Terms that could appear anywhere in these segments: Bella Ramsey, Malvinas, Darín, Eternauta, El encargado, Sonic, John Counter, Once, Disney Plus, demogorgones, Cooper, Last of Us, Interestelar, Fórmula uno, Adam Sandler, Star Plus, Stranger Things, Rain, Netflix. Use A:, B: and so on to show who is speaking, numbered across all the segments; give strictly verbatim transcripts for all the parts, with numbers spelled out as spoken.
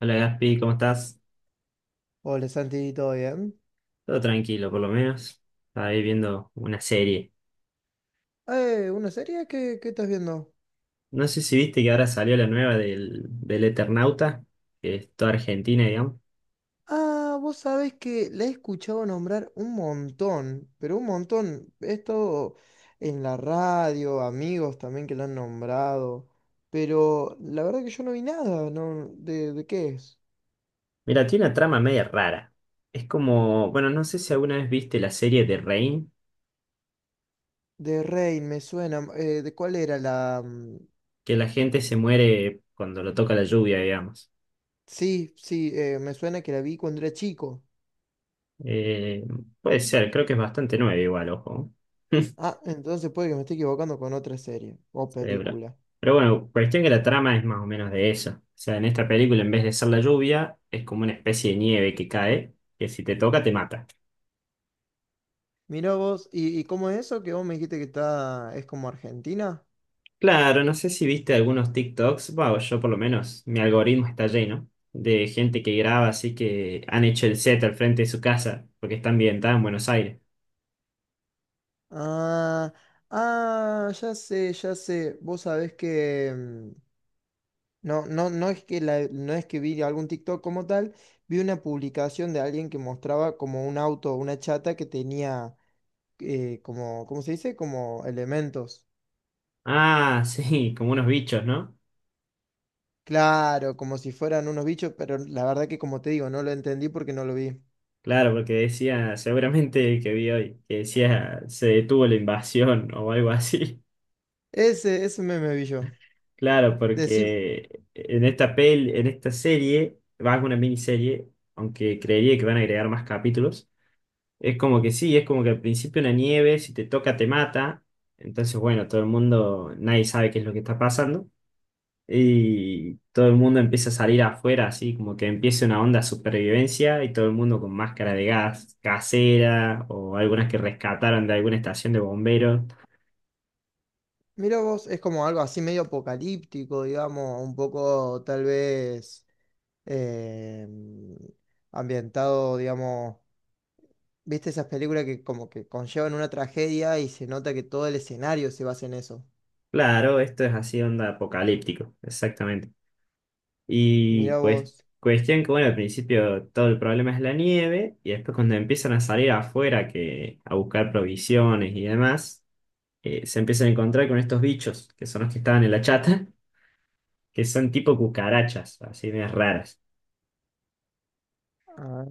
A: Hola Gaspi, ¿cómo estás?
B: Hola Santi, ¿todo bien?
A: Todo tranquilo, por lo menos. Estaba ahí viendo una serie.
B: Eh, ¿una serie? ¿Qué, qué estás viendo?
A: No sé si viste que ahora salió la nueva del, del Eternauta, que es toda argentina, digamos.
B: Ah, vos sabés que la he escuchado nombrar un montón, pero un montón. Esto en la radio, amigos también que la han nombrado. Pero la verdad que yo no vi nada, ¿no? ¿De, de qué es?
A: Mira, tiene una trama media rara. Es como, bueno, no sé si alguna vez viste la serie de Rain,
B: De Rain, me suena. Eh, ¿de cuál era la...? mm,
A: que la gente se muere cuando lo toca la lluvia, digamos.
B: Sí, sí, eh, me suena que la vi cuando era chico.
A: Eh, Puede ser, creo que es bastante nueva igual, ojo.
B: Ah, entonces puede que me esté equivocando con otra serie o
A: cerebral.
B: película.
A: Pero bueno, cuestión que la trama es más o menos de eso. O sea, en esta película, en vez de ser la lluvia, es como una especie de nieve que cae, que si te toca te mata.
B: Mirá vos, ¿y, y cómo es eso que vos me dijiste que está, es como Argentina?
A: Claro, no sé si viste algunos TikToks, bueno, yo por lo menos, mi algoritmo está lleno de gente que graba así que han hecho el set al frente de su casa, porque está ambientada en Buenos Aires.
B: Ah, ah, ya sé, ya sé. Vos sabés que mm, no, no, no es que la- no es que vi algún TikTok como tal, vi una publicación de alguien que mostraba como un auto, una chata que tenía eh, como, ¿cómo se dice? Como elementos.
A: Ah, sí, como unos bichos, ¿no?
B: Claro, como si fueran unos bichos, pero la verdad que como te digo, no lo entendí porque no lo vi.
A: Claro, porque decía, seguramente el que vi hoy, que decía, se detuvo la invasión o algo así.
B: Ese, ese meme vi yo.
A: Claro, porque en esta pel, en esta serie, va a ser una miniserie, aunque creería que van a agregar más capítulos. Es como que sí, es como que al principio una nieve, si te toca te mata. Entonces, bueno, todo el mundo, nadie sabe qué es lo que está pasando. Y todo el mundo empieza a salir afuera, así como que empieza una onda de supervivencia y todo el mundo con máscara de gas casera o algunas que rescataron de alguna estación de bomberos.
B: Mira vos, es como algo así medio apocalíptico, digamos, un poco tal vez eh, ambientado, digamos, ¿viste esas películas que como que conllevan una tragedia y se nota que todo el escenario se basa en eso?
A: Claro, esto es así, onda apocalíptico, exactamente. Y
B: Mira
A: cues-
B: vos.
A: cuestión que, bueno, al principio todo el problema es la nieve, y después cuando empiezan a salir afuera que, a buscar provisiones y demás, eh, se empiezan a encontrar con estos bichos, que son los que estaban en la chata, que son tipo cucarachas, así medias raras.
B: Ah,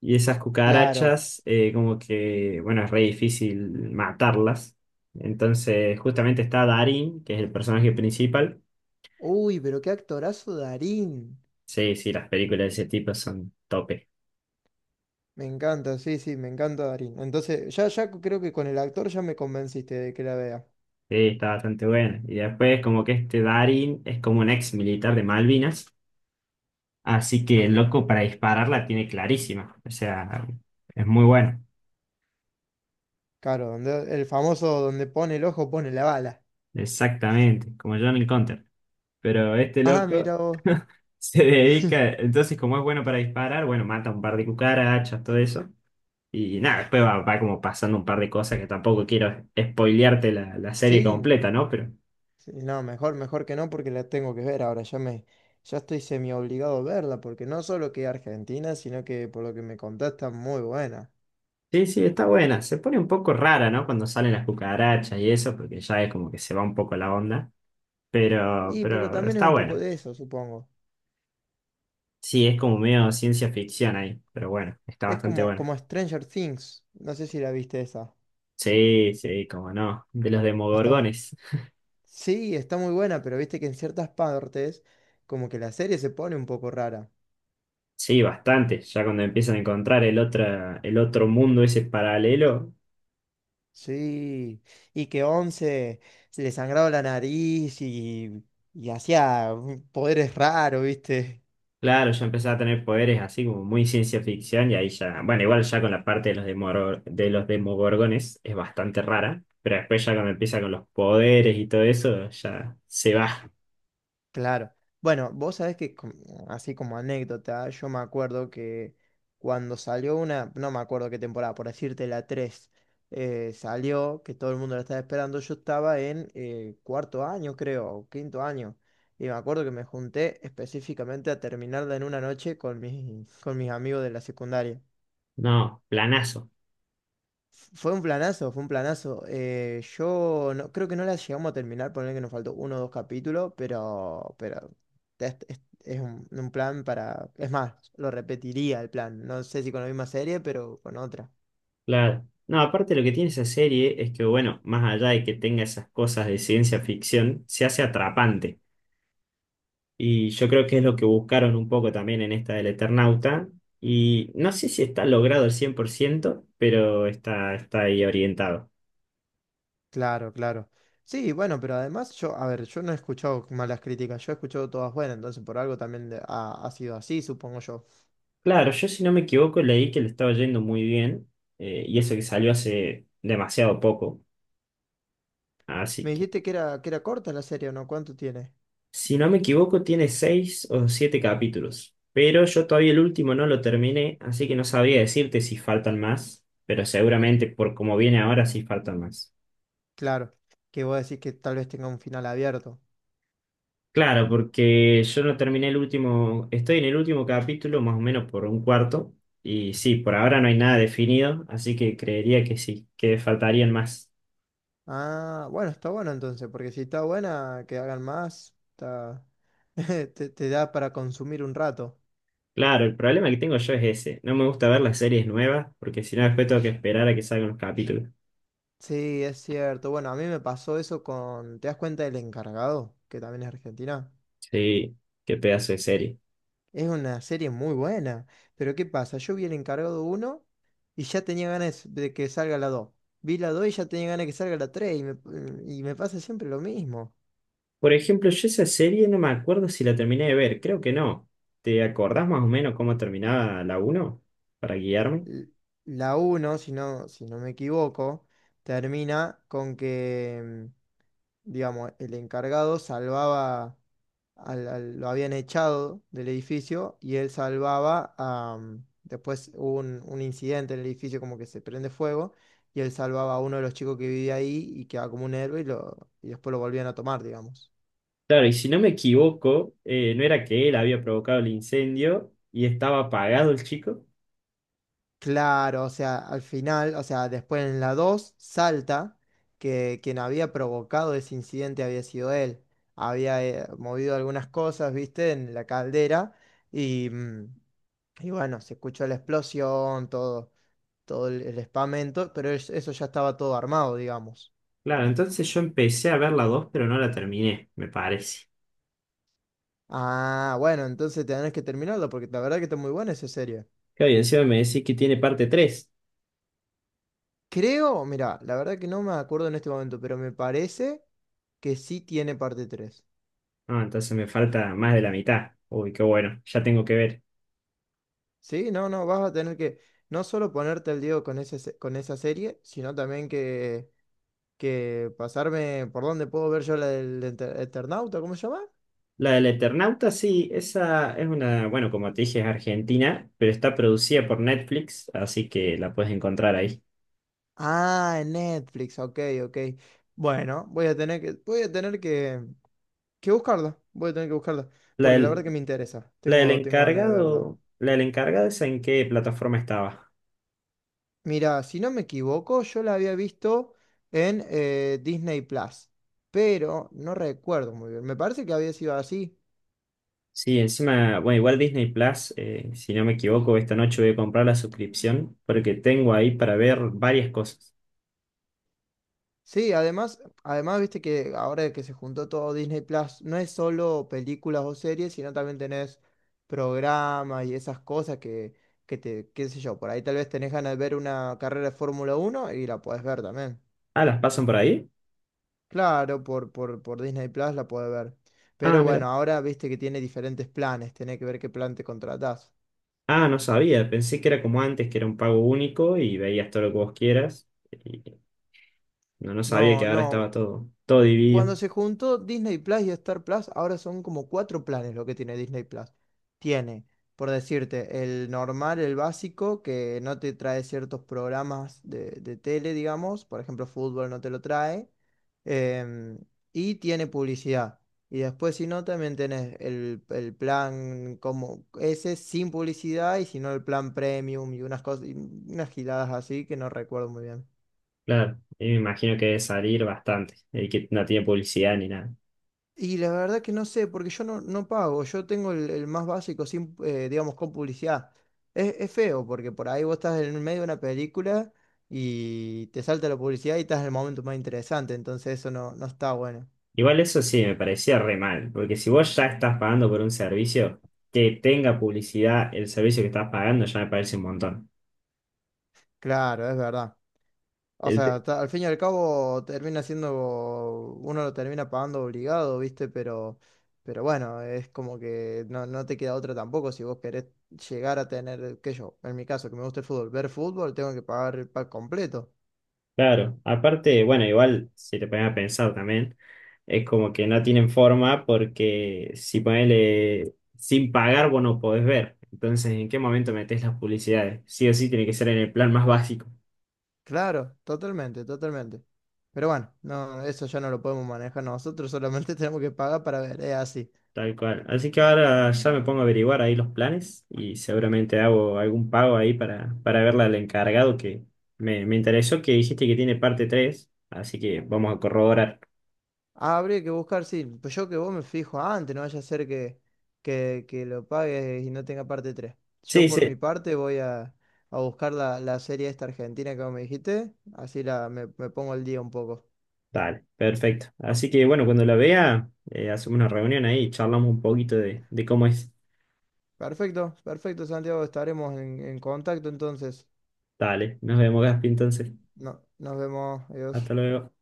A: Y esas
B: claro.
A: cucarachas, eh, como que, bueno, es re difícil matarlas. Entonces, justamente está Darín, que es el personaje principal.
B: Uy, pero qué actorazo Darín.
A: Sí, sí, las películas de ese tipo son top.
B: Me encanta, sí, sí, me encanta Darín. Entonces, ya, ya creo que con el actor ya me convenciste de que la vea.
A: Sí, está bastante buena. Y después, como que este Darin es como un ex militar de Malvinas, así que el loco para disparar la tiene clarísima. O sea, es muy bueno.
B: Claro, donde, el famoso donde pone el ojo, pone la bala.
A: Exactamente, como John Counter. Pero este
B: Ah,
A: loco
B: mira vos.
A: se dedica, entonces, como es bueno para disparar, bueno, mata un par de cucarachas, todo eso. Y nada, después va, va como pasando un par de cosas que tampoco quiero spoilearte la, la serie
B: Sí,
A: completa, ¿no? Pero.
B: sí, no, mejor, mejor que no porque la tengo que ver ahora, ya me, ya estoy semi obligado a verla, porque no solo que Argentina, sino que por lo que me contás está muy buena.
A: Sí, sí, está buena. Se pone un poco rara, ¿no? Cuando salen las cucarachas y eso, porque ya es como que se va un poco la onda. Pero,
B: Y pero
A: pero
B: también es
A: está
B: un poco
A: buena.
B: de eso, supongo.
A: Sí, es como medio ciencia ficción ahí. Pero bueno, está
B: Es
A: bastante
B: como,
A: buena.
B: como Stranger Things, no sé si la viste esa.
A: Sí, sí, como no. De los
B: Está mu-
A: demogorgones.
B: sí, está muy buena, pero viste que en ciertas partes como que la serie se pone un poco rara.
A: Sí, bastante. Ya cuando empiezan a encontrar el otro, el otro mundo ese paralelo.
B: Sí, y que Once se le sangraba la nariz y, y hacía poderes raros, ¿viste?
A: Claro, ya empezaba a tener poderes así como muy ciencia ficción y ahí ya, bueno, igual ya con la parte de los demoro- de los demogorgones es bastante rara, pero después ya cuando empieza con los poderes y todo eso, ya se va.
B: Claro. Bueno, vos sabés que, com- así como anécdota, yo me acuerdo que cuando salió una, no me acuerdo qué temporada, por decirte la tres, eh, salió, que todo el mundo la estaba esperando, yo estaba en eh, cuarto año, creo, o quinto año, y me acuerdo que me junté específicamente a terminarla en una noche con mis, con mis amigos de la secundaria.
A: No, planazo,
B: Fue un planazo, fue un planazo. Eh, yo no, creo que no la llegamos a terminar, poner que nos faltó uno o dos capítulos, pero, pero es, es- es un, un plan para... Es más, lo repetiría el plan. No sé si con la misma serie, pero con otra.
A: claro. No, aparte lo que tiene esa serie es que, bueno, más allá de que tenga esas cosas de ciencia ficción, se hace atrapante. Y yo creo que es lo que buscaron un poco también en esta del Eternauta. Y no sé si está logrado al cien por ciento, pero está, está ahí orientado.
B: Claro, claro. Sí, bueno, pero además yo, a ver, yo no he escuchado malas críticas, yo he escuchado todas buenas, entonces por algo también de- ha, ha sido así, supongo yo.
A: Claro, yo si no me equivoco leí que le estaba yendo muy bien, eh, y eso que salió hace demasiado poco. Así
B: Me
A: que,
B: dijiste que era, que era corta la serie, ¿o no? ¿Cuánto tiene?
A: si no me equivoco, tiene seis o siete capítulos. Pero yo todavía el último no lo terminé, así que no sabría decirte si faltan más, pero seguramente por como viene ahora sí faltan más.
B: Claro, que vos decís que tal vez tenga un final abierto.
A: Claro, porque yo no terminé el último, estoy en el último capítulo más o menos por un cuarto y sí, por ahora no hay nada definido, así que creería que sí, que faltarían más.
B: Ah, bueno, está bueno entonces, porque si está buena, que hagan más, está... te, te da para consumir un rato.
A: Claro, el problema que tengo yo es ese. No me gusta ver las series nuevas porque si no después tengo que esperar a que salgan los capítulos.
B: Sí, es cierto. Bueno, a mí me pasó eso con... ¿Te das cuenta del encargado? Que también es argentina.
A: Sí, qué pedazo de serie.
B: Es una serie muy buena. Pero ¿qué pasa? Yo vi el encargado uno y ya tenía ganas de que salga la dos. Vi la dos y ya tenía ganas de que salga la tres y me, y me pasa siempre lo mismo.
A: Por ejemplo, yo esa serie no me acuerdo si la terminé de ver, creo que no. ¿Te acordás más o menos cómo terminaba la uno? Para guiarme.
B: L- La uno, si no, si no me equivoco, termina con que... digamos, el encargado salvaba, al, al- lo habían echado del edificio y él salvaba a, mm, después hubo un, un incidente en el edificio como que se prende fuego y él salvaba a uno de los chicos que vivía ahí y quedaba como un héroe y, lo, y después lo volvían a tomar, digamos.
A: Claro, y si no me equivoco, eh, no era que él había provocado el incendio y estaba apagado el chico.
B: Claro, o sea, al final, o sea, después en la dos salta que quien había provocado ese incidente había sido él. Había eh, movido algunas cosas, viste, en la caldera y, mm, y bueno, se escuchó la explosión, todo, todo el, el espamento, pero es- eso ya estaba todo armado, digamos.
A: Claro, entonces yo empecé a ver la dos pero no la terminé, me parece.
B: Ah, bueno, entonces tenés que terminarlo porque la verdad que está muy buena esa serie.
A: Claro, y encima me decís que tiene parte tres.
B: Creo, mira, la verdad que no me acuerdo en este momento, pero me parece que sí tiene parte tres.
A: Ah, entonces me falta más de la mitad. Uy, qué bueno, ya tengo que ver.
B: Sí, no, no, vas a tener que no solo ponerte al día con ese, se- con esa serie, sino también que, que pasarme por dónde puedo ver yo la del Enter- Eternauta, ¿cómo se llama?
A: La del Eternauta, sí, esa es una, bueno, como te dije, es argentina, pero está producida por Netflix, así que la puedes encontrar ahí.
B: Ah, en Netflix, ok, ok. Bueno, voy a tener que, voy a tener que, que buscarla, voy a tener que buscarla,
A: La
B: porque la verdad que
A: del,
B: me interesa,
A: la del
B: tengo, tengo ganas de verla.
A: encargado, la del encargado, ¿esa en qué plataforma estaba?
B: Mira, si no me equivoco, yo la había visto en eh, Disney Plus, pero no recuerdo muy bien, me parece que había sido así.
A: Sí, encima, bueno, igual Disney Plus, eh, si no me equivoco, esta noche voy a comprar la suscripción porque tengo ahí para ver varias cosas.
B: Sí, además, además, viste que ahora que se juntó todo Disney Plus, no es solo películas o series, sino también tenés programas y esas cosas que, que te, qué sé yo, por ahí tal vez tenés ganas de ver una carrera de Fórmula uno y la podés ver también.
A: Ah, ¿las pasan por ahí?
B: Claro, por, por, por Disney Plus la podés ver.
A: Ah,
B: Pero
A: mira.
B: bueno, ahora viste que tiene diferentes planes, tenés que ver qué plan te contratás.
A: Ah, no sabía, pensé que era como antes, que era un pago único y veías todo lo que vos quieras. Y no, no sabía
B: No,
A: que ahora
B: no.
A: estaba todo, todo dividido.
B: Cuando se juntó Disney Plus y Star Plus, ahora son como cuatro planes lo que tiene Disney Plus. Tiene, por decirte, el normal, el básico, que no te trae ciertos programas de, de tele, digamos, por ejemplo, fútbol no te lo trae, em, y tiene publicidad. Y después, si no, también tenés el, el plan como ese sin publicidad, y si no, el plan premium y unas cosas, y unas giladas así que no recuerdo muy bien.
A: Claro, y me imagino que debe salir bastante, y que no tiene publicidad ni nada.
B: Y la verdad que no sé, porque yo no, no pago, yo tengo el, el más básico, sin, eh, digamos, con publicidad. Es, es feo, porque por ahí vos estás en el medio de una película y te salta la publicidad y estás en el momento más interesante, entonces eso no, no está bueno.
A: Igual eso sí, me parecía re mal, porque si vos ya estás pagando por un servicio, que tenga publicidad el servicio que estás pagando ya me parece un montón.
B: Claro, es verdad. O sea, ta- al fin y al cabo termina siendo, uno lo termina pagando obligado, ¿viste? Pero, pero bueno, es como que no, no te queda otra tampoco si vos querés llegar a tener, qué sé yo, en mi caso que me gusta el fútbol, ver fútbol, tengo que pagar el pack completo.
A: Claro, aparte, bueno, igual si te pones a pensar también, es como que no tienen forma porque si ponele sin pagar vos no podés ver. Entonces, ¿en qué momento metés las publicidades? Sí o sí tiene que ser en el plan más básico,
B: Claro, totalmente, totalmente. Pero bueno, no, eso ya no lo podemos manejar nosotros, solamente tenemos que pagar para ver, es así.
A: tal cual. Así que ahora ya me pongo a averiguar ahí los planes y seguramente hago algún pago ahí para, para verla al encargado que me, me interesó que dijiste que tiene parte tres así que vamos a corroborar.
B: Ah, habría que buscar, sí, pues yo que vos me fijo antes, no vaya a ser que, que, que lo pagues y no tenga parte tres. Yo
A: Sí,
B: por mi
A: sí,
B: parte voy a, a buscar la, la serie esta argentina que vos me dijiste, así la, me, me pongo al día un poco.
A: dale, perfecto. Así que bueno, cuando la vea, eh, hacemos una reunión ahí y charlamos un poquito de, de cómo es.
B: Perfecto, perfecto, Santiago, estaremos en, en contacto entonces.
A: Dale, nos vemos, Gaspi, entonces.
B: No, nos vemos,
A: Hasta
B: adiós.
A: luego.